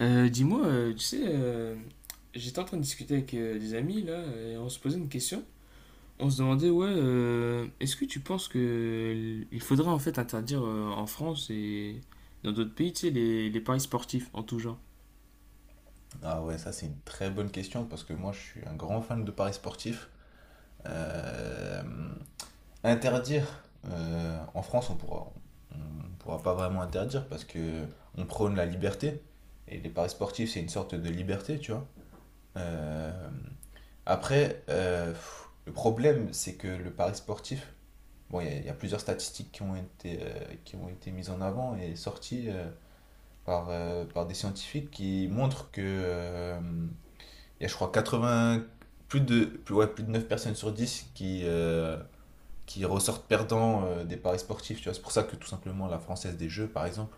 Dis-moi, tu sais, j'étais en train de discuter avec des amis là, et on se posait une question. On se demandait, ouais, est-ce que tu penses que il faudrait en fait interdire en France et dans d'autres pays, tu sais, les paris sportifs en tout genre? Ah ouais, ça c'est une très bonne question parce que moi je suis un grand fan de paris sportifs. Euh, interdire, en France on pourra pas vraiment interdire parce que on prône la liberté et les paris sportifs c'est une sorte de liberté, tu vois. Euh, après, le problème c'est que le pari sportif, bon il y a plusieurs statistiques qui ont été mises en avant et sorties par, par des scientifiques qui montrent que il y a, je crois, 80, ouais, plus de 9 personnes sur 10 qui ressortent perdants des paris sportifs. Tu vois, c'est pour ça que tout simplement la Française des Jeux, par exemple,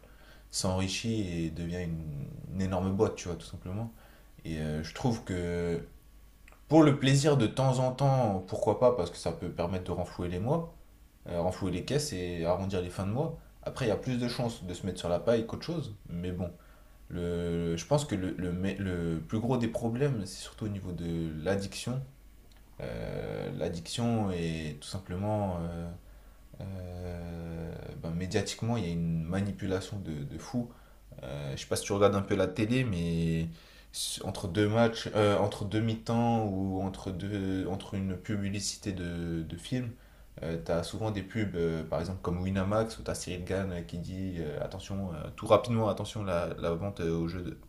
s'enrichit et devient une énorme boîte, tu vois, tout simplement. Et je trouve que pour le plaisir de temps en temps, pourquoi pas, parce que ça peut permettre de renflouer les mois, renflouer les caisses et arrondir les fins de mois. Après, il y a plus de chances de se mettre sur la paille qu'autre chose, mais bon. Je pense que le plus gros des problèmes, c'est surtout au niveau de l'addiction. L'addiction est tout simplement, euh, ben, médiatiquement, il y a une manipulation de fou. Je sais pas si tu regardes un peu la télé, mais entre deux matchs, entre deux mi-temps ou entre une publicité de film, t'as souvent des pubs, par exemple comme Winamax, où t'as Cyril Gann qui dit attention, tout rapidement, attention, la vente au jeu de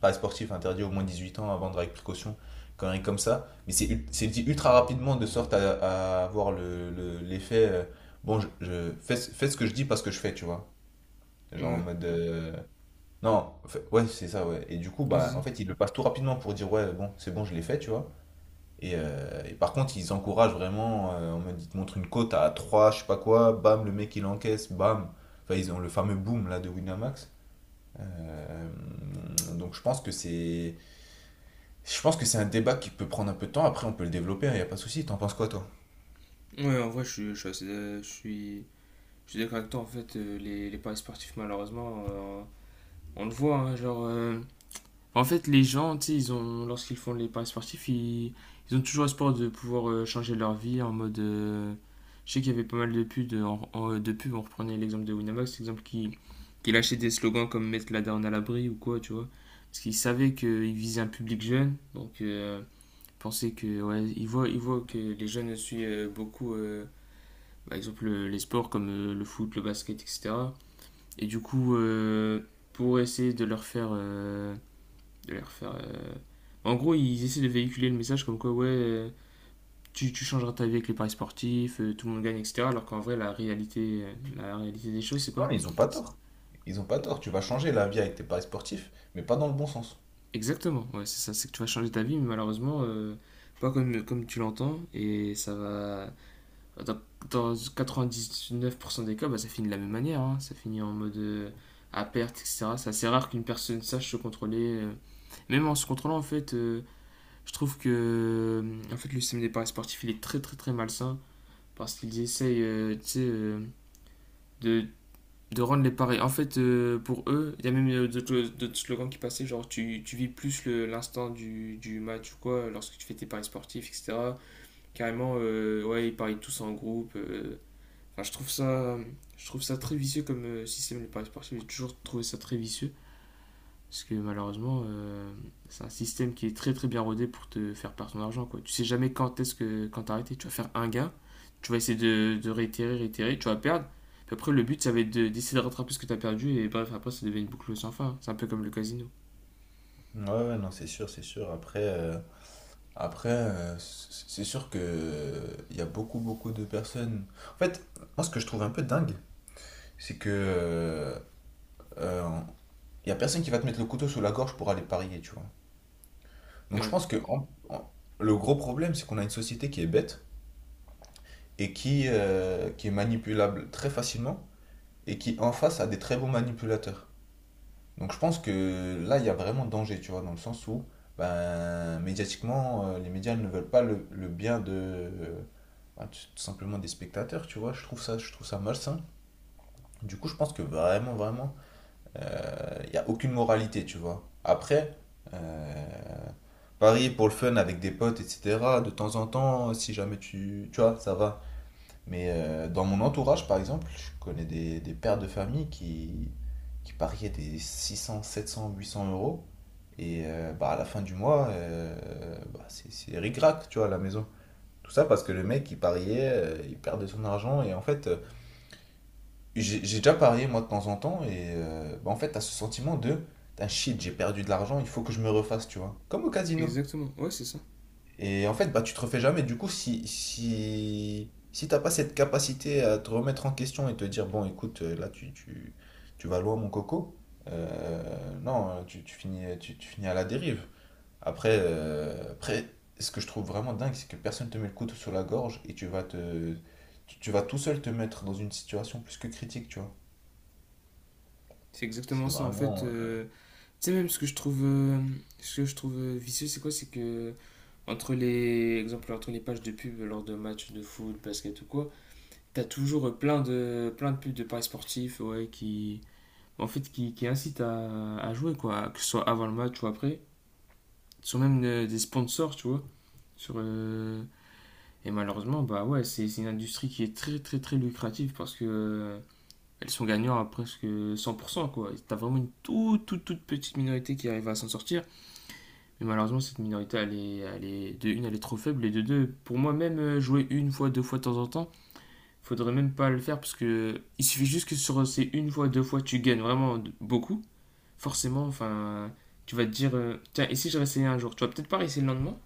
Paris sportif interdit au moins 18 ans à vendre avec précaution, quand même comme ça. Mais c'est dit ultra rapidement de sorte à avoir l'effet. Fais, fais ce que je dis parce que je fais, tu vois. Genre en Ouais, mode. Non, ouais, c'est ça, ouais. Et du coup, ouais, bah, c'est ça. en fait, ils le passent tout rapidement pour dire, ouais, bon, c'est bon, je l'ai fait, tu vois. Et par contre, ils encouragent vraiment. En mode, ils te montrent une cote à 3 je sais pas quoi, bam, le mec il encaisse, bam. Enfin, ils ont le fameux boom là de Winamax. Euh, donc je pense que c'est je pense que c'est un débat qui peut prendre un peu de temps. Après, on peut le développer, il n'y a pas de souci. T'en penses quoi, toi? Ouais, en vrai, je suis d'accord avec toi, en fait, les paris sportifs, malheureusement, on le voit, hein, genre, en fait, les gens, tu sais, lorsqu'ils font les paris sportifs, ils ont toujours espoir de pouvoir changer leur vie en mode. Je sais qu'il y avait pas mal de pubs, de pubs, on reprenait l'exemple de Winamax, qui lâchait des slogans comme mettre la down à l'abri ou quoi, tu vois. Parce qu'ils savaient qu'ils visaient un public jeune, donc ils pensaient que, ouais, ils voient que les jeunes suivent beaucoup, par exemple, les sports comme le foot, le basket, etc. Et du coup, pour essayer de leur faire. De leur faire en gros, ils essaient de véhiculer le message comme quoi, ouais, tu changeras ta vie avec les paris sportifs, tout le monde gagne, etc. Alors qu'en vrai, la réalité des choses, c'est Non, quoi? ils ont pas C'est- tort. Ils ont pas tort. Tu vas changer la vie avec tes paris sportifs, mais pas dans le bon sens. Exactement, ouais, c'est ça, c'est que tu vas changer ta vie, mais malheureusement, pas comme, comme tu l'entends, et ça va. Dans, Dans 99% des cas, bah, ça finit de la même manière, hein. Ça finit en mode à perte, etc. C'est assez rare qu'une personne sache se contrôler. Même en se contrôlant, en fait, je trouve que en fait, le système des paris sportifs, il est très très très malsain parce qu'ils essayent tu sais, de, de rendre les pareils. En fait, pour eux, il y a même d'autres slogans qui passaient, tu vis plus l'instant du match ou quoi, lorsque tu fais tes paris sportifs, etc. Carrément, ouais, ils parient tous en groupe. Enfin, je trouve ça très vicieux comme système, les paris sportifs. J'ai toujours trouvé ça très vicieux. Parce que malheureusement, c'est un système qui est très très bien rodé pour te faire perdre ton argent. Quoi. Tu sais jamais quand est-ce que quand t'arrêter. Tu vas faire un gain, tu vas essayer de réitérer, réitérer, tu vas perdre. Puis après, le but, ça va être d'essayer de rattraper ce que t'as perdu. Et bref, après, ça devient une boucle sans fin. C'est un peu comme le casino. Ouais, ouais, non, c'est sûr, c'est sûr. Après, c'est sûr que il y a beaucoup, beaucoup de personnes. En fait, moi, ce que je trouve un peu dingue, c'est que euh, y a personne qui va te mettre le couteau sous la gorge pour aller parier, tu vois. Donc, je Ouais, pense que le gros problème, c'est qu'on a une société qui est bête et qui est manipulable très facilement et qui en face a des très bons manipulateurs. Donc je pense que là, il y a vraiment danger, tu vois, dans le sens où, ben, médiatiquement, les médias ne veulent pas le bien de, ben, tout tout simplement des spectateurs, tu vois. Je trouve ça malsain. Du coup, je pense que vraiment, vraiment, il n'y a aucune moralité, tu vois. Après, euh, parier pour le fun avec des potes, etc., de temps en temps, si jamais tu, tu vois, ça va. Mais dans mon entourage, par exemple, je connais des pères de famille qui pariaient des 600, 700, 800 euros. Et bah, à la fin du mois, bah, c'est ric-rac, tu vois, à la maison. Tout ça parce que le mec, il pariait, il perdait son argent. Et en fait, j'ai déjà parié, moi, de temps en temps. Et bah, en fait, t'as ce sentiment de, putain, shit, j'ai perdu de l'argent, il faut que je me refasse, tu vois. Comme au casino. exactement. Ouais, c'est ça. Et en fait, bah, tu te refais jamais. Du coup, si t'as pas cette capacité à te remettre en question et te dire, bon, écoute, là, tu vas loin, mon coco, non, tu finis à la dérive. Après, ce que je trouve vraiment dingue, c'est que personne te met le couteau sur la gorge et tu vas tout seul te mettre dans une situation plus que critique, tu vois. C'est exactement C'est ça. En fait, vraiment. Tu sais, même ce que je trouve, ce que je trouve vicieux, c'est quoi? C'est que entre les, exemple, entre les pages de pub lors de matchs de foot, basket ou quoi, t'as toujours plein de pubs de paris sportifs, ouais, qui, en fait, qui incitent à jouer, quoi, que ce soit avant le match ou après. Ce sont même des sponsors, tu vois. Sur, euh, Et malheureusement, bah ouais, c'est une industrie qui est très très très lucrative parce que elles sont gagnantes à presque 100%, quoi. T'as vraiment une toute toute toute petite minorité qui arrive à s'en sortir. Mais malheureusement, cette minorité, de une, elle est trop faible et de deux, pour moi même, jouer une fois, deux fois de temps en temps, faudrait même pas le faire parce que il suffit juste que sur ces une fois, deux fois, tu gagnes vraiment beaucoup. Forcément, enfin, tu vas te dire, tiens, et si je réessayais un jour? Tu vas peut-être pas réessayer le lendemain,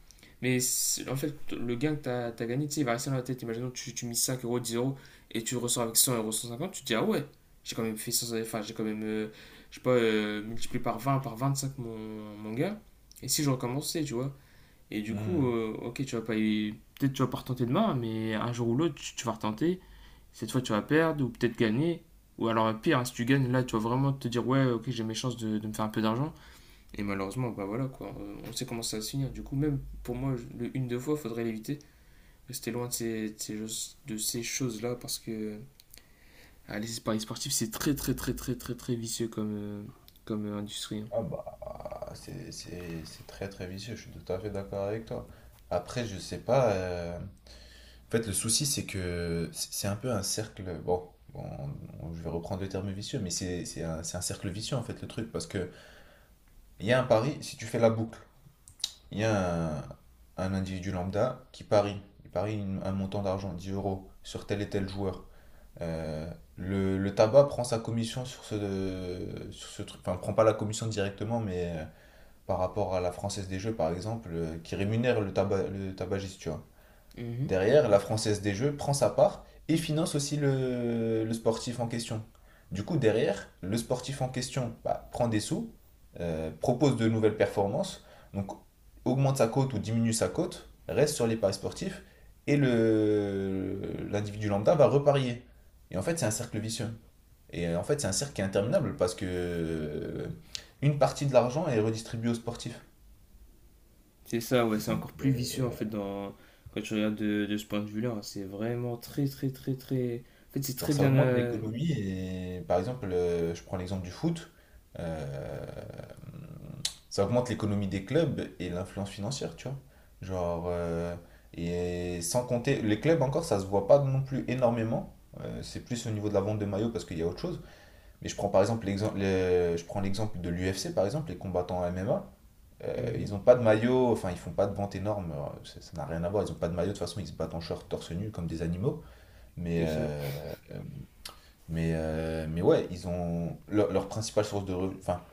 mais en fait, le gain que tu as gagné, tu sais, il va rester dans la tête. Imaginons, tu mises 5 euros, 10 €, et tu ressors avec 100 euros, 150, tu te dis, ah ouais, j'ai quand même fait cent, enfin, j'ai quand même, je sais pas, multiplié par 20, par 25, mon gain. Et si je recommençais, tu vois? Et du euh, coup, ok, tu vas pas y- peut-être tu vas pas retenter demain, mais un jour ou l'autre, tu vas retenter, cette fois tu vas perdre ou peut-être gagner. Ou alors pire, hein, si tu gagnes, là tu vas vraiment te dire, ouais, ok, j'ai mes chances de me faire un peu d'argent. Et malheureusement, bah voilà quoi, on sait comment ça va se finir. Du coup même pour moi, le une deux fois, faudrait l'éviter. Rester loin de ces, de ces choses-là parce que ah, les paris sportifs c'est très très très très très très vicieux comme, industrie. Hein. Ah bah c'est très très vicieux, je suis tout à fait d'accord avec toi. Après, je sais pas. En fait, le souci, c'est que c'est un peu un cercle. Bon, bon, je vais reprendre le terme vicieux, mais c'est un cercle vicieux en fait le truc. Parce que il y a un pari, si tu fais la boucle, il y a un individu lambda qui parie. Il parie un montant d'argent, 10 euros, sur tel et tel joueur. Euh, le tabac prend sa commission sur sur ce truc. Enfin, prend pas la commission directement, mais. Par rapport à la Française des Jeux, par exemple, qui rémunère le tabagiste, tu vois. Mm-hmm. Derrière, la Française des Jeux prend sa part et finance aussi le sportif en question. Du coup, derrière, le sportif en question bah, prend des sous, propose de nouvelles performances, donc augmente sa cote ou diminue sa cote, reste sur les paris sportifs, et le l'individu lambda va reparier. Et en fait, c'est un cercle vicieux. Et en fait, c'est un cercle qui est interminable parce que une partie de l'argent est redistribuée aux sportifs. C'est ça, ouais, c'est Donc, encore plus vicieux en fait dans... quand tu regardes de ce point de vue-là. Hein. C'est vraiment très, très, très, très. En fait, c'est genre, très ça bien. augmente euh, l'économie. Et par exemple, je prends l'exemple du foot. euh, Ça augmente l'économie des clubs et l'influence financière, tu vois. Genre, et sans compter, les clubs encore, ça se voit pas non plus énormément. C'est plus au niveau de la vente de maillots parce qu'il y a autre chose. Mais je prends par exemple l'exemple, je prends l'exemple de l'UFC, par exemple, les combattants MMA. Euh, Mm-hmm. ils ont pas de maillot, enfin ils font pas de vente énorme, ça n'a rien à voir, ils ont pas de maillot, de toute façon ils se battent en short torse nu comme des animaux. Mais, C'est ça. euh, euh, mais ouais, ils ont leur principale source de revenus. Enfin,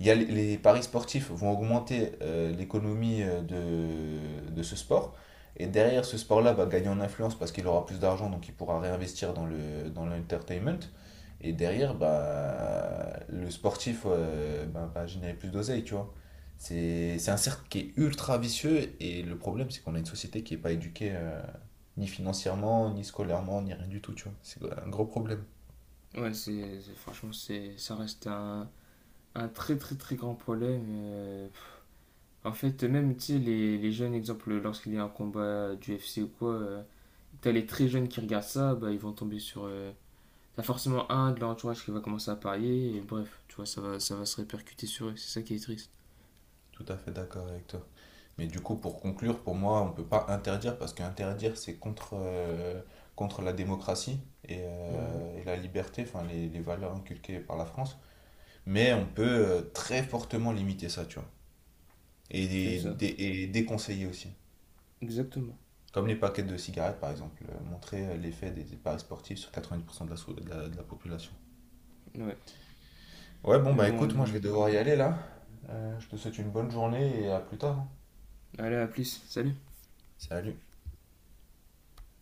il y a les paris sportifs vont augmenter l'économie de ce sport. Et derrière, ce sport-là va gagner en influence parce qu'il aura plus d'argent, donc il pourra réinvestir dans l'entertainment. Et derrière, bah, le sportif bah, va générer plus d'oseille, tu vois. C'est un cercle qui est ultra vicieux et le problème, c'est qu'on a une société qui n'est pas éduquée ni financièrement, ni scolairement, ni rien du tout, tu vois. C'est un gros problème. Ouais, franchement, c'est, ça reste un très très très grand problème. Pff. En fait, même, tu sais, les jeunes, exemple, lorsqu'il y a un combat du UFC ou quoi, t'as les très jeunes qui regardent ça, bah, ils vont tomber sur... t'as forcément un de leur entourage qui va commencer à parier, et bref, tu vois, ça va se répercuter sur eux, c'est ça qui est triste. Tout à fait d'accord avec toi. Mais du coup, pour conclure, pour moi, on ne peut pas interdire parce qu'interdire, c'est contre, contre la démocratie Mhm. Et la liberté, enfin les valeurs inculquées par la France. Mais on peut très fortement limiter ça, tu vois. Et, C'est ça, et déconseiller aussi. exactement. Comme les paquets de cigarettes, par exemple. Montrer l'effet des paris sportifs sur 90% de de de la population. Ouais, Ouais, bon, mais bah bon, écoute, moi je allez, vais devoir y aller là. Je te souhaite une bonne journée et à plus tard. Hein. allez, à plus, salut Salut.